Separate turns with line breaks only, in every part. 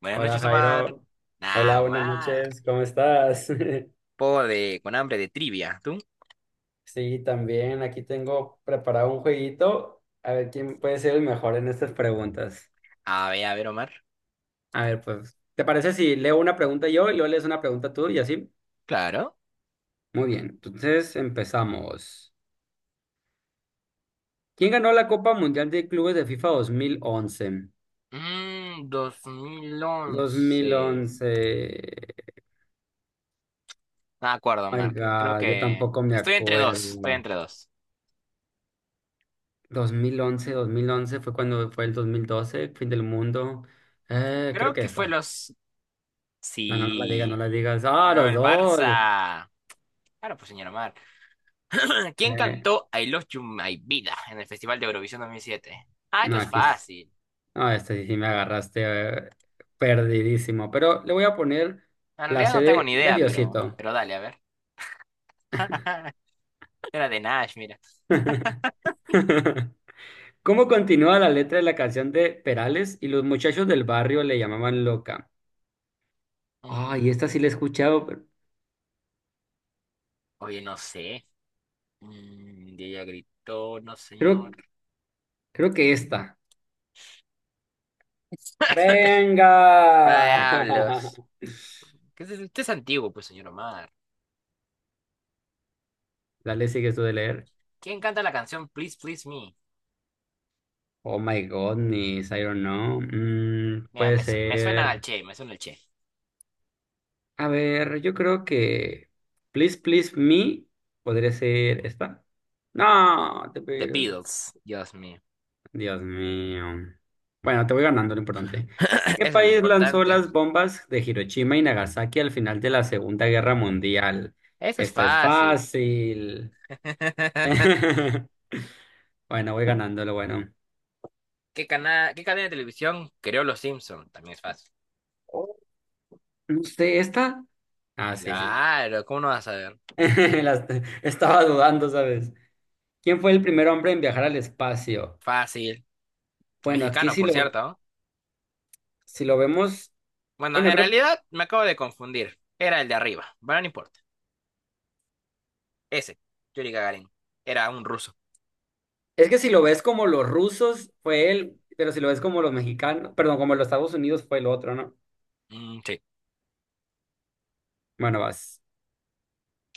Buenas
Hola
noches, Omar.
Jairo,
Nah,
hola, buenas
Omar.
noches, ¿cómo estás?
Poco de, con hambre de trivia. ¿Tú?
Sí, también aquí tengo preparado un jueguito, a ver quién puede ser el mejor en estas preguntas.
A ver, Omar.
A ver, pues, ¿te parece si leo una pregunta yo y luego lees una pregunta tú y así?
Claro.
Muy bien, entonces empezamos. ¿Quién ganó la Copa Mundial de Clubes de FIFA dos mil once?
Dos mil
dos mil
once.
once.
No me acuerdo,
Oh my
Omar. Creo
God, yo
que.
tampoco me
Estoy entre dos, estoy
acuerdo.
entre dos.
Dos mil once fue cuando fue el 2012, fin del mundo. Creo
Creo
que
que fue
esta.
los.
No, no, no la digas, no
Sí.
la digas. ¡Ah,
Bueno,
los
el
dos!
Barça. Claro, pues, señor Omar. ¿Quién
Eh,
cantó I Love You My Vida en el Festival de Eurovisión 2007? Ah, esto
no,
es
aquí.
fácil.
No, este sí, sí me agarraste. eh, Perdidísimo. Pero le voy a poner
En
la
realidad no tengo
sede
ni
de
idea,
Diosito.
Pero dale, a ver. Era de Nash, mira.
¿Cómo continúa la letra de la canción de Perales? Y los muchachos del barrio le llamaban loca. Ay, esta sí
Mm.
la he escuchado, pero
Oye, no sé. Y ella gritó, no señor.
Creo, creo que esta. ¡Venga!
Diablos. ¿Qué es eso? Usted es antiguo, pues, señor Omar.
Dale, sigues tú de leer.
¿Quién canta la canción Please, Please Me?
Oh my goodness, I don't know.
Mira,
Puede
me suena al
ser.
Che, me suena al Che.
A ver, yo creo que Please Please Me podría ser esta. No, te
The
pido.
Beatles, Dios mío.
Dios mío. Bueno, te voy ganando lo importante. ¿Qué
Eso es lo
país lanzó
importante.
las bombas de Hiroshima y Nagasaki al final de la Segunda Guerra Mundial?
Eso es
Esta es
fácil.
fácil. Bueno, voy ganando lo bueno.
¿Qué cadena de televisión creó Los Simpson? También es fácil.
No sé, esta. Ah, sí, sí.
Claro, ¿cómo no vas a ver?
Las- Estaba dudando, ¿sabes? ¿Quién fue el primer hombre en viajar al espacio?
Fácil.
Bueno, aquí
Mexicano,
si
por
lo,
cierto, ¿no?
si lo vemos,
Bueno,
bueno,
en
creo,
realidad me acabo de confundir. Era el de arriba, pero no importa. Ese, Yuri Gagarin, era un ruso.
es que si lo ves como los rusos, fue él, pero si lo ves como los mexicanos, perdón, como los Estados Unidos, fue el otro, ¿no?
Mm, sí.
Bueno, vas.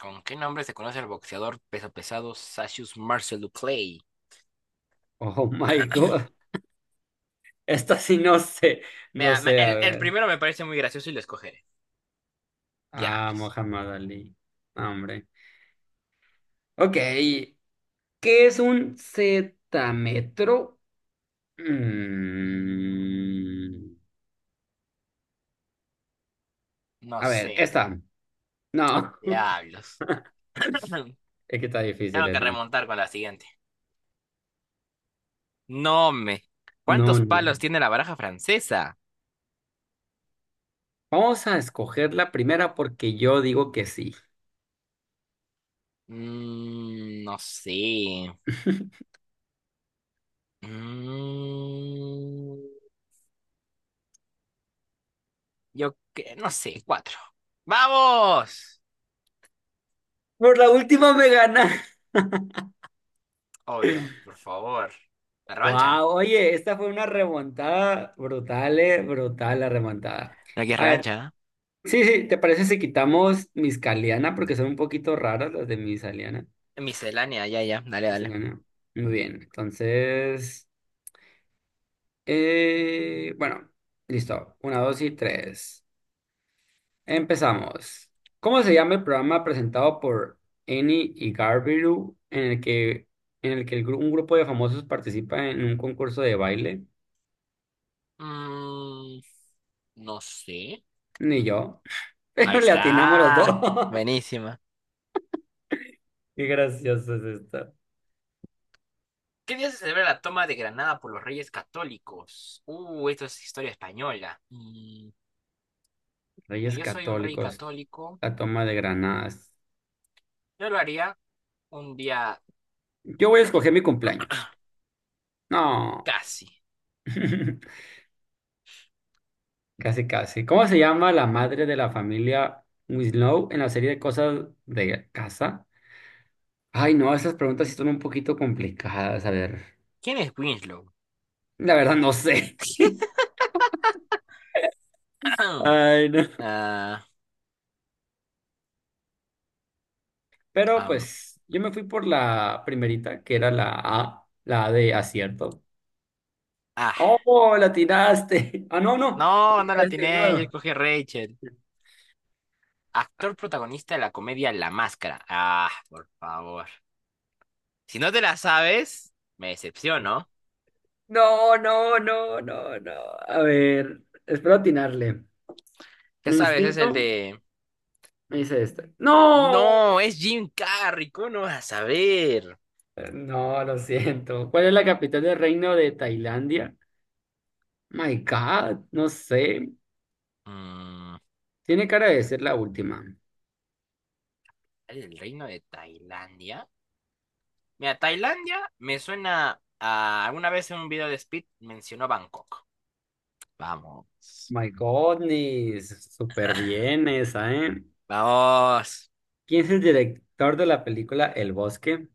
¿Con qué nombre se conoce el boxeador peso pesado Cassius Marcel Duclay?
Oh my God. Esta sí no sé, no
Mira,
sé, a
el
ver.
primero me parece muy gracioso y lo escogeré.
Ah,
Diablos.
Muhammad Ali. No, hombre. Ok, ¿qué es un cetametro?
Mm,
Mm,
no
A ver,
sé.
esta. No,
Diablos.
es que está difícil
Tengo que
esa.
remontar con la siguiente. No me.
No,
¿Cuántos palos
no.
tiene la baraja francesa?
Vamos a escoger la primera porque yo digo que sí.
No sé. Mm, yo que no sé, cuatro. ¡Vamos!
Por la última me gana.
Obvio, por favor. ¿La revancha?
Wow, oye, esta fue una remontada brutal, brutal la remontada.
Aquí es
A ver,
revancha,
sí, sí, ¿te parece si quitamos mis caliana? Porque son un poquito raras las de mis aliana.
¿eh? Miscelánea, ya, ya. Dale,
Mis
dale.
aliana. Muy bien, entonces, bueno, listo. Una, dos y tres. Empezamos. ¿Cómo se llama el programa presentado por Eni y Garbiru en el que un grupo de famosos participa en un concurso de baile?
Mm, no sé.
Ni yo,
Ahí
pero le atinamos los dos.
está. Buenísima.
Qué gracioso es esto.
¿Qué día se celebra la toma de Granada por los Reyes Católicos? Esto es historia española. Mira,
Reyes
yo soy un rey
Católicos,
católico.
la toma de Granadas.
Yo lo haría un día
Yo voy a escoger mi cumpleaños. No,
casi.
casi casi. ¿Cómo se llama la madre de la familia Winslow en la serie de Cosas de casa? Ay, no, esas preguntas sí son un poquito complicadas. A ver,
¿Quién es Winslow?
la verdad no sé. Ay, no.
Ah,
Pero
am,
pues yo me fui por la primerita, que era la A de acierto.
ah,
¡Oh, la tiraste! Ah, no, no.
No,
Pensé que
no
la
la
habías
tiene, yo
atinado.
escogí a Rachel. Actor protagonista de la comedia La Máscara. Ah, por favor. Si no te la sabes, me decepciono.
No, no, no, no, no. A ver, espero atinarle.
Ya
Mi
sabes, es
instinto
el de.
me dice este. ¡No!
No, es Jim Carrey, ¿cómo no vas a saber?
No, lo siento. ¿Cuál es la capital del reino de Tailandia? My God, no sé.
Mm,
Tiene cara de ser la última.
¿El reino de Tailandia? Mira, Tailandia me suena a. Alguna vez en un video de Speed mencionó Bangkok. Vamos.
My goodness, súper bien esa, ¿eh?
Vamos.
¿Quién es el director de la película El Bosque?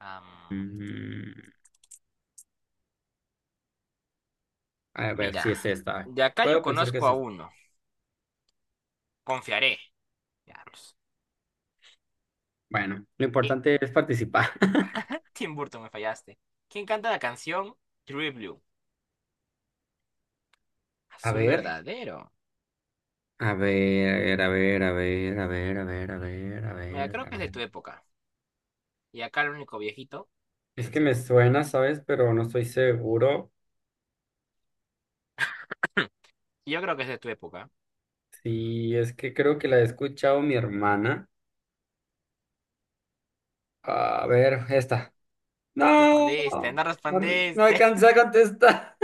Am,
Mm, a ver si
mira,
es esta.
de acá yo
Puedo pensar que
conozco
es
a
esta.
uno. Confiaré. Veamos.
Bueno, lo importante es participar.
Tim Burton, me fallaste. ¿Quién canta la canción True Blue?
A
Azul
ver,
verdadero.
a ver, a ver, a ver, a ver, a ver, a ver, a
Mira,
ver,
creo
a
que es de
ver.
tu época. Y acá el único viejito es
Es
el
que me
segundo.
suena, ¿sabes? Pero no estoy seguro.
Yo creo que es de tu época.
Sí, es que creo que la he escuchado mi hermana. A ver, esta.
No
No,
respondiste, no
no
respondiste.
alcancé a contestar.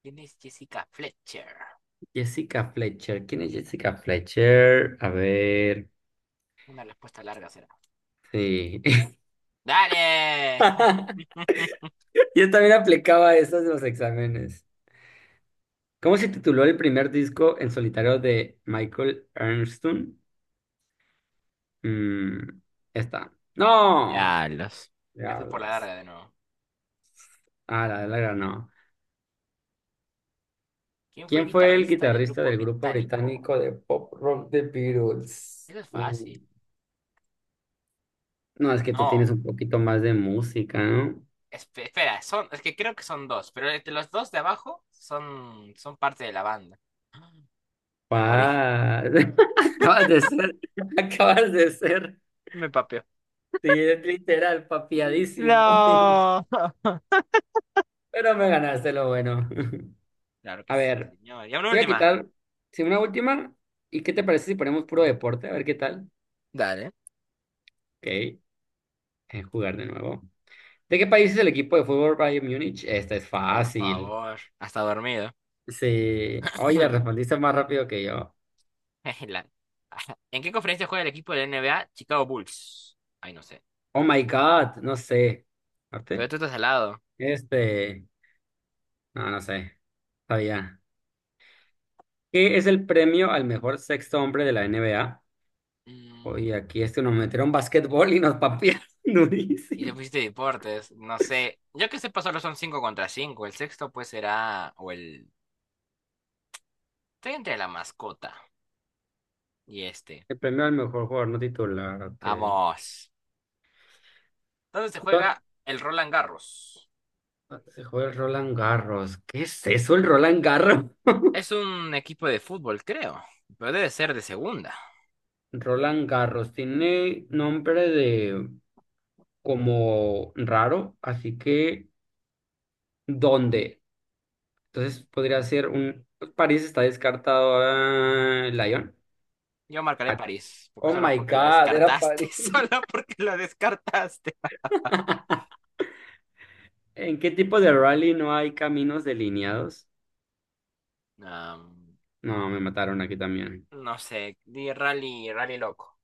¿Quién es Jessica Fletcher?
Jessica Fletcher. ¿Quién es Jessica Fletcher? A ver.
Una respuesta larga será.
Sí.
¡Dale!
Yo también aplicaba esas en los exámenes. ¿Cómo se tituló el primer disco en solitario de Michael Ernstun? Mm, Esta.
Ya
¡No!
los. Me fui por la
Diablos.
larga de nuevo.
Ah, la de la ganó.
¿Quién fue el
¿Quién fue el
guitarrista del
guitarrista
grupo
del grupo
británico?
británico de pop rock The Beatles?
Eso es fácil.
No, es que tú tienes
No.
un poquito más de música, ¿no?
Espera, son, es que creo que son dos, pero entre los dos de abajo son parte de la banda. Me morí.
Pa, acabas de ser, acabas de ser,
Me papió.
sí, es literal, papiadísimo.
No.
Pero me ganaste lo bueno.
Claro que
A
sí,
ver,
señor. Y una
voy a
última.
quitar, si una última, ¿y qué te parece si ponemos puro deporte? A ver qué tal.
Dale.
Ok, jugar de nuevo. ¿De qué país es el equipo de fútbol Bayern Múnich? Esta es
Por
fácil.
favor, hasta dormido.
Sí, oye, la respondiste más rápido que yo.
La- ¿En qué conferencia juega el equipo de NBA? Chicago Bulls. Ay, no sé.
Oh my God, no sé.
Pero
¿Arte?
tú estás al lado.
Este, no, no sé, sabía. ¿Qué es el premio al mejor sexto hombre de la NBA?
Mm.
Oye, aquí este nos metieron basquetbol y nos papearon
Y te
durísimo.
pusiste deportes. No sé. Yo que sepa, solo son 5 contra cinco. El sexto, pues será. O el. Estoy entre la mascota y este.
El premio al mejor jugador no titular, ok.
Vamos. ¿Dónde se
Don-
juega el Roland Garros?
Se juega el Roland Garros. ¿Qué es eso, el Roland Garros?
Es un equipo de fútbol, creo. Pero debe ser de segunda.
Roland Garros tiene nombre de como raro, así que ¿dónde? Entonces podría ser pues, París está descartado. Lyon.
Yo marcaré
Ah,
París, porque
Oh
solo
my
porque la
God, era
descartaste.
París.
Solo porque la descartaste.
¿En qué tipo de rally no hay caminos delineados?
Am,
No, me mataron aquí también.
no sé, di rally, rally loco.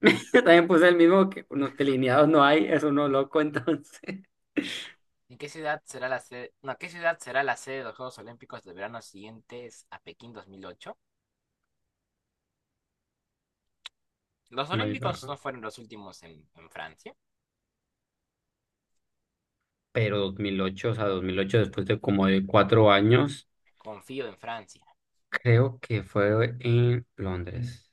Yo también puse el mismo que no, delineados no hay, es uno loco entonces.
¿En qué ciudad será la sede? No, ¿qué ciudad será la sede de los Juegos Olímpicos de verano siguientes a Pekín 2008? Los
My
Olímpicos no
God.
fueron los últimos en, Francia.
Pero 2008, o sea, 2008 después de como de 4 años,
Confío en Francia.
creo que fue en Londres.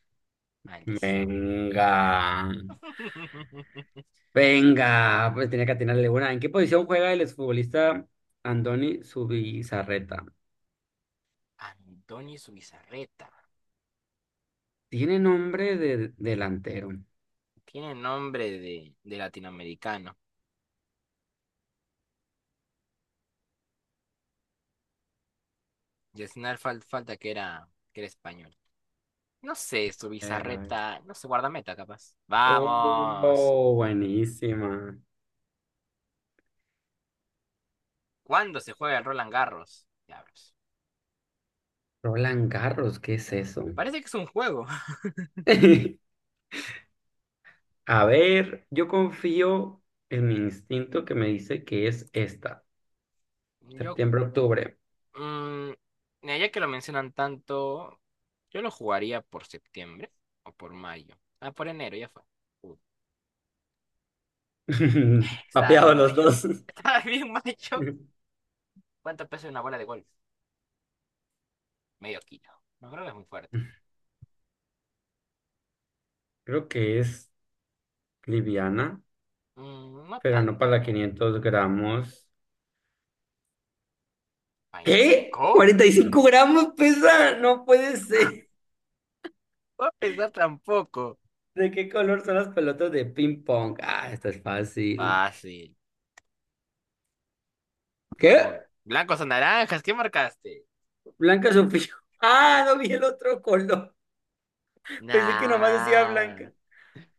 Maldición.
Venga, venga, pues tenía que atinarle una. ¿En qué posición juega el exfutbolista Andoni Zubizarreta?
Antonio Zubizarreta.
Tiene nombre de delantero.
Tiene nombre de latinoamericano. Y al final falta que era español. No sé, Zubizarreta. No sé, guardameta capaz. ¡Vamos!
Oh, buenísima.
¿Cuándo se juega el Roland Garros? Diablos.
Roland Garros, ¿qué es eso?
Parece que es un juego.
A ver, yo confío en mi instinto que me dice que es esta,
Yo.
septiembre-octubre.
mm, Mira, ya que lo mencionan tanto, yo lo jugaría por septiembre o por mayo. Ah, por enero, ya fue. Uy, estaba
Papeado
bien
los
mayo.
dos.
Estaba bien mayo. ¿Cuánto pesa una bola de golf? Medio kilo. No creo que es muy fuerte.
Creo que es liviana,
No
pero no
tanto,
para
¿no?
500 gramos. ¿Qué?
¿25?
¿45 gramos pesa? No puede ser.
No a pensar tampoco.
¿De qué color son las pelotas de ping pong? Ah, esta es fácil.
Fácil. Oh,
¿Qué?
blancos o naranjas, ¿qué marcaste?
Blanca Sofía. Ah, no vi el otro color. Pensé que nomás decía
Nah.
blanca.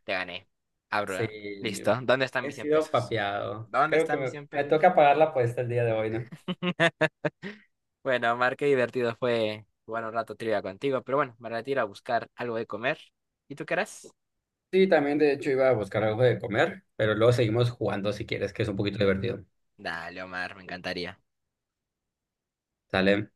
Te gané. Abro.
Sí,
¿Eh? Listo. ¿Dónde están
he
mis 100
sido
pesos?
papeado.
¿Dónde
Creo que
están mis
me,
100
me
pesos?
toca pagar la apuesta el día de hoy, ¿no?
Bueno, Mar, qué divertido fue jugar un rato trivia contigo, pero bueno, me retiro a buscar algo de comer. ¿Y tú qué harás?
Sí, también de hecho iba a buscar algo de comer, pero luego seguimos jugando si quieres, que es un poquito divertido.
Dale, Omar, me encantaría.
¿Sale?